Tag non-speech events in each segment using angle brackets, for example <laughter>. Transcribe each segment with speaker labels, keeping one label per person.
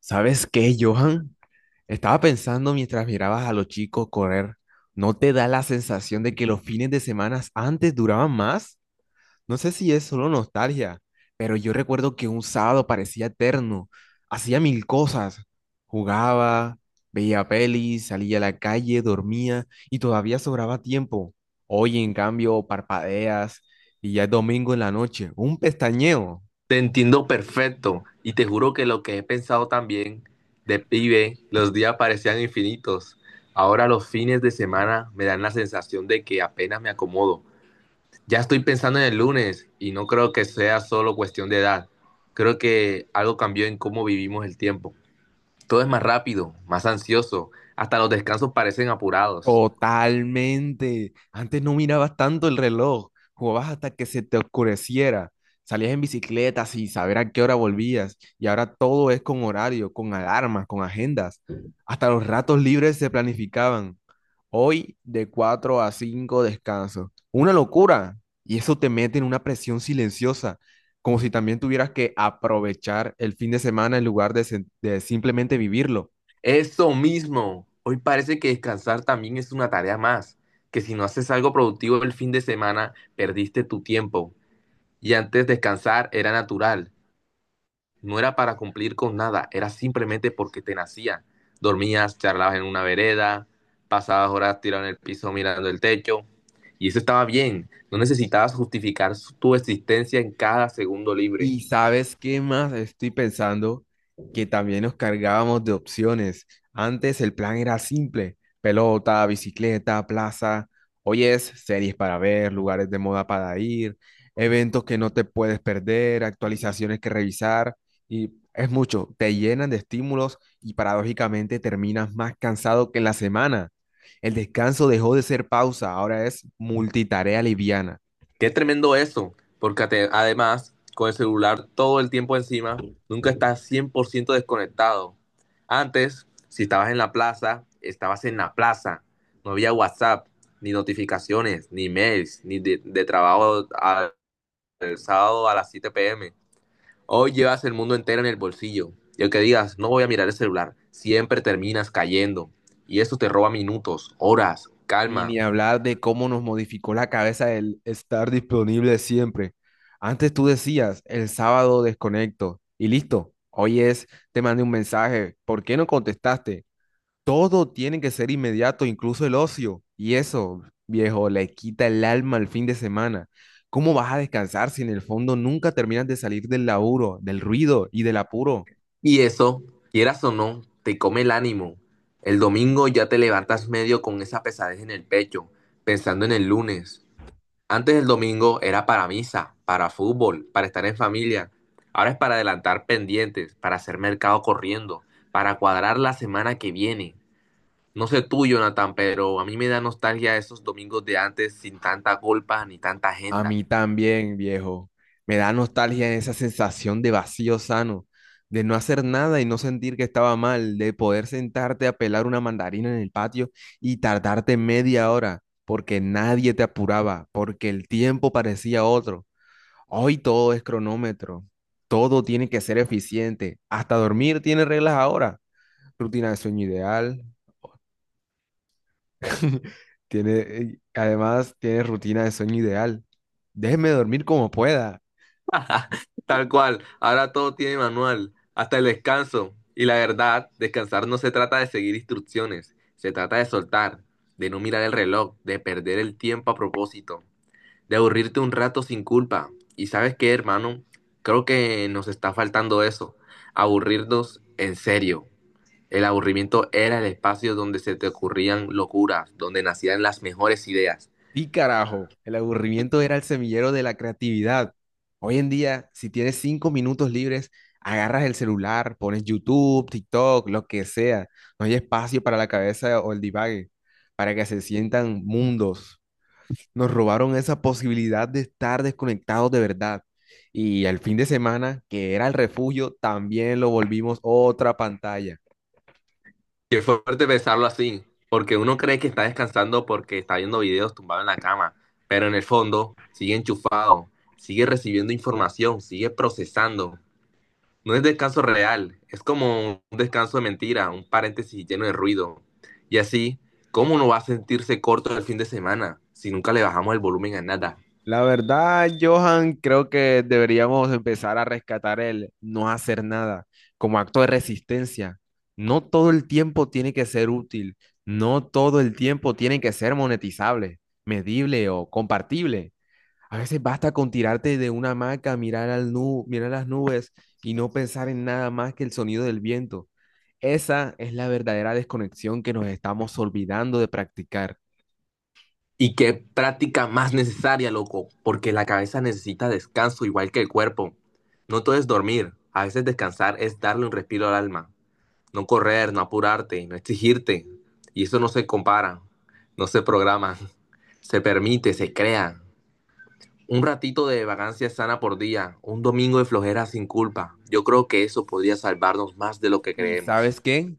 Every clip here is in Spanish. Speaker 1: ¿Sabes qué, Johan? Estaba pensando mientras mirabas a los chicos correr, ¿no te da la sensación de que los fines de semana antes duraban más? No sé si es solo nostalgia, pero yo recuerdo que un sábado parecía eterno, hacía mil cosas, jugaba, veía pelis, salía a la calle, dormía y todavía sobraba tiempo. Hoy, en cambio, parpadeas y ya es domingo en la noche, un pestañeo.
Speaker 2: Te entiendo perfecto y te juro que lo que he pensado también de pibe, los días parecían infinitos. Ahora los fines de semana me dan la sensación de que apenas me acomodo. Ya estoy pensando en el lunes y no creo que sea solo cuestión de edad. Creo que algo cambió en cómo vivimos el tiempo. Todo es más rápido, más ansioso, hasta los descansos parecen apurados.
Speaker 1: Totalmente. Antes no mirabas tanto el reloj, jugabas hasta que se te oscureciera. Salías en bicicleta sin saber a qué hora volvías y ahora todo es con horario, con alarmas, con agendas. Hasta los ratos libres se planificaban. Hoy de 4 a 5 descanso. Una locura. Y eso te mete en una presión silenciosa, como si también tuvieras que aprovechar el fin de semana en lugar de, de simplemente vivirlo.
Speaker 2: Eso mismo. Hoy parece que descansar también es una tarea más, que si no haces algo productivo el fin de semana, perdiste tu tiempo. Y antes descansar era natural, no era para cumplir con nada, era simplemente porque te nacía. Dormías, charlabas en una vereda, pasabas horas tirado en el piso mirando el techo, y eso estaba bien, no necesitabas justificar tu existencia en cada segundo libre.
Speaker 1: Y sabes qué más estoy pensando que también nos cargábamos de opciones. Antes el plan era simple: pelota, bicicleta, plaza. Hoy es series para ver, lugares de moda para ir, eventos que no te puedes perder, actualizaciones que revisar. Y es mucho, te llenan de estímulos y paradójicamente terminas más cansado que en la semana. El descanso dejó de ser pausa, ahora es multitarea liviana.
Speaker 2: Qué tremendo eso, porque además con el celular todo el tiempo encima, nunca estás 100% desconectado. Antes, si estabas en la plaza, estabas en la plaza. No había WhatsApp, ni notificaciones, ni mails, ni de trabajo al, el sábado a las 7 pm. Hoy llevas el mundo entero en el bolsillo. Y aunque digas, no voy a mirar el celular, siempre terminas cayendo. Y eso te roba minutos, horas,
Speaker 1: Y
Speaker 2: calma.
Speaker 1: ni hablar de cómo nos modificó la cabeza el estar disponible siempre. Antes tú decías, el sábado desconecto y listo. Hoy es, te mandé un mensaje, ¿por qué no contestaste? Todo tiene que ser inmediato, incluso el ocio. Y eso, viejo, le quita el alma al fin de semana. ¿Cómo vas a descansar si en el fondo nunca terminas de salir del laburo, del ruido y del apuro?
Speaker 2: Y eso, quieras o no, te come el ánimo. El domingo ya te levantas medio con esa pesadez en el pecho, pensando en el lunes. Antes el domingo era para misa, para fútbol, para estar en familia. Ahora es para adelantar pendientes, para hacer mercado corriendo, para cuadrar la semana que viene. No sé tú, Jonathan, pero a mí me da nostalgia esos domingos de antes sin tanta culpa ni tanta
Speaker 1: A
Speaker 2: agenda.
Speaker 1: mí también, viejo. Me da nostalgia esa sensación de vacío sano, de no hacer nada y no sentir que estaba mal, de poder sentarte a pelar una mandarina en el patio y tardarte media hora, porque nadie te apuraba, porque el tiempo parecía otro. Hoy todo es cronómetro, todo tiene que ser eficiente, hasta dormir tiene reglas ahora. Rutina de sueño ideal, <laughs> tiene, además tiene rutina de sueño ideal. Déjeme dormir como pueda.
Speaker 2: <laughs> Tal cual, ahora todo tiene manual, hasta el descanso. Y la verdad, descansar no se trata de seguir instrucciones, se trata de soltar, de no mirar el reloj, de perder el tiempo a propósito, de aburrirte un rato sin culpa. ¿Y sabes qué, hermano? Creo que nos está faltando eso, aburrirnos en serio. El aburrimiento era el espacio donde se te ocurrían locuras, donde nacían las mejores ideas.
Speaker 1: Sí, carajo, el aburrimiento era el semillero de la creatividad. Hoy en día, si tienes cinco minutos libres, agarras el celular, pones YouTube, TikTok, lo que sea. No hay espacio para la cabeza o el divague, para que se sientan mundos. Nos robaron esa posibilidad de estar desconectados de verdad. Y el fin de semana, que era el refugio, también lo volvimos otra pantalla.
Speaker 2: Qué fuerte pensarlo así, porque uno cree que está descansando porque está viendo videos tumbado en la cama, pero en el fondo sigue enchufado, sigue recibiendo información, sigue procesando. No es descanso real, es como un descanso de mentira, un paréntesis lleno de ruido. Y así, ¿cómo no va a sentirse corto el fin de semana si nunca le bajamos el volumen a nada?
Speaker 1: La verdad, Johan, creo que deberíamos empezar a rescatar el no hacer nada como acto de resistencia. No todo el tiempo tiene que ser útil, no todo el tiempo tiene que ser monetizable, medible o compartible. A veces basta con tirarte de una hamaca, mirar mirar las nubes y no pensar en nada más que el sonido del viento. Esa es la verdadera desconexión que nos estamos olvidando de practicar.
Speaker 2: Y qué práctica más necesaria, loco, porque la cabeza necesita descanso igual que el cuerpo. No todo es dormir, a veces descansar es darle un respiro al alma. No correr, no apurarte, no exigirte. Y eso no se compara, no se programa, <laughs> se permite, se crea. Un ratito de vacancia sana por día, un domingo de flojera sin culpa. Yo creo que eso podría salvarnos más de lo que
Speaker 1: ¿Y
Speaker 2: creemos.
Speaker 1: sabes qué?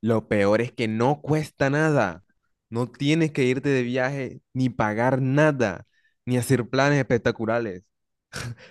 Speaker 1: Lo peor es que no cuesta nada. No tienes que irte de viaje ni pagar nada, ni hacer planes espectaculares.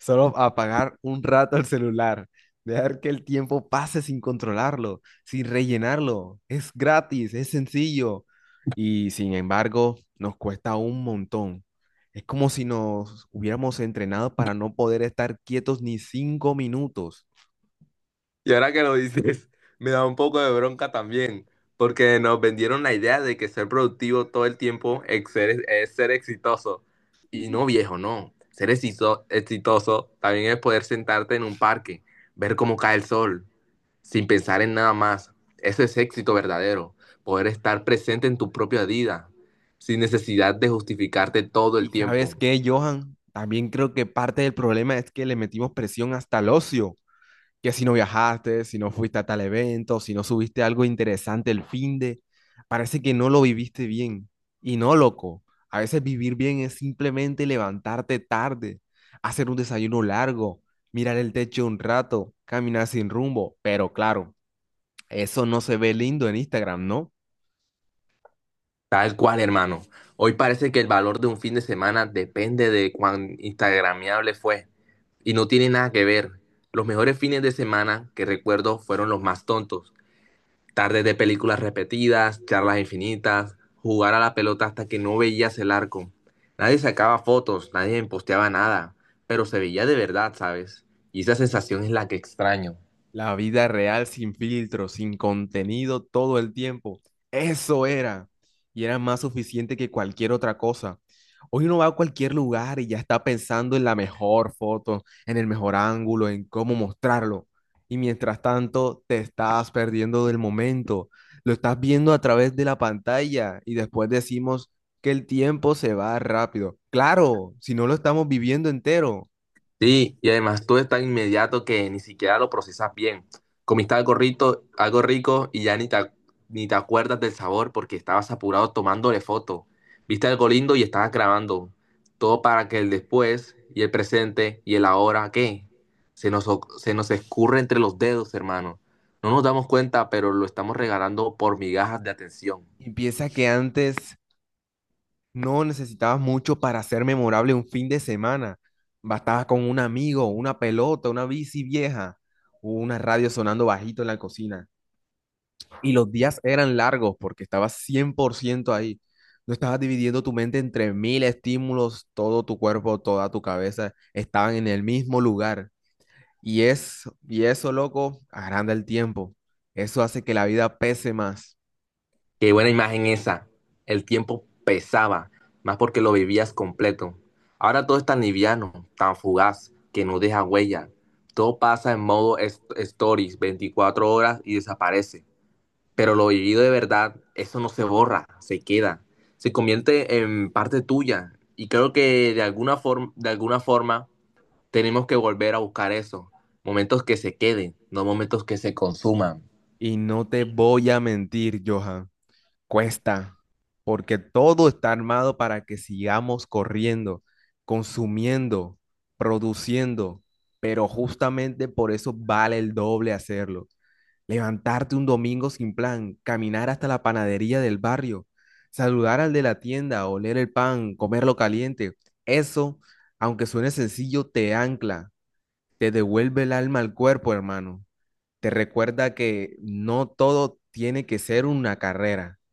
Speaker 1: Solo apagar un rato el celular, dejar que el tiempo pase sin controlarlo, sin rellenarlo. Es gratis, es sencillo. Y sin embargo, nos cuesta un montón. Es como si nos hubiéramos entrenado para no poder estar quietos ni cinco minutos.
Speaker 2: Y ahora que lo dices, <laughs> me da un poco de bronca también, porque nos vendieron la idea de que ser productivo todo el tiempo es ser exitoso. Y no, viejo, no. Ser exitoso también es poder sentarte en un parque, ver cómo cae el sol, sin pensar en nada más. Eso es éxito verdadero, poder estar presente en tu propia vida, sin necesidad de justificarte todo el
Speaker 1: Y sabes
Speaker 2: tiempo.
Speaker 1: qué, Johan, también creo que parte del problema es que le metimos presión hasta el ocio, que si no viajaste, si no fuiste a tal evento, si no subiste algo interesante el fin de, parece que no lo viviste bien. Y no, loco, a veces vivir bien es simplemente levantarte tarde, hacer un desayuno largo, mirar el techo un rato, caminar sin rumbo, pero claro, eso no se ve lindo en Instagram, ¿no?
Speaker 2: Tal cual, hermano. Hoy parece que el valor de un fin de semana depende de cuán instagramiable fue y no tiene nada que ver. Los mejores fines de semana que recuerdo fueron los más tontos, tardes de películas repetidas, charlas infinitas, jugar a la pelota hasta que no veías el arco. Nadie sacaba fotos, nadie posteaba nada, pero se veía de verdad, ¿sabes? Y esa sensación es la que extraño.
Speaker 1: La vida real sin filtro, sin contenido todo el tiempo. Eso era. Y era más suficiente que cualquier otra cosa. Hoy uno va a cualquier lugar y ya está pensando en la mejor foto, en el mejor ángulo, en cómo mostrarlo. Y mientras tanto, te estás perdiendo del momento. Lo estás viendo a través de la pantalla y después decimos que el tiempo se va rápido. Claro, si no lo estamos viviendo entero.
Speaker 2: Sí, y además todo es tan inmediato que ni siquiera lo procesas bien. Comiste algo rico, y ya ni te acuerdas del sabor porque estabas apurado tomándole foto. Viste algo lindo y estabas grabando. Todo para que el después y el presente y el ahora, ¿qué? Se nos escurre entre los dedos, hermano. No nos damos cuenta, pero lo estamos regalando por migajas de atención.
Speaker 1: Y piensa que antes no necesitabas mucho para ser memorable un fin de semana. Bastabas con un amigo, una pelota, una bici vieja, o una radio sonando bajito en la cocina. Y los días eran largos porque estabas 100% ahí. No estabas dividiendo tu mente entre mil estímulos, todo tu cuerpo, toda tu cabeza estaban en el mismo lugar. Y es, y eso, loco, agranda el tiempo. Eso hace que la vida pese más.
Speaker 2: Qué buena imagen esa. El tiempo pesaba, más porque lo vivías completo. Ahora todo es tan liviano, tan fugaz, que no deja huella. Todo pasa en modo stories, 24 horas y desaparece. Pero lo vivido de verdad, eso no se borra, se queda. Se convierte en parte tuya. Y creo que de alguna forma, tenemos que volver a buscar eso. Momentos que se queden, no momentos que se consuman.
Speaker 1: Y no te voy a mentir, Johan. Cuesta, porque todo está armado para que sigamos corriendo, consumiendo, produciendo, pero justamente por eso vale el doble hacerlo. Levantarte un domingo sin plan, caminar hasta la panadería del barrio, saludar al de la tienda, oler el pan, comerlo caliente. Eso, aunque suene sencillo, te ancla, te devuelve el alma al cuerpo, hermano. Te recuerda que no todo tiene que ser una carrera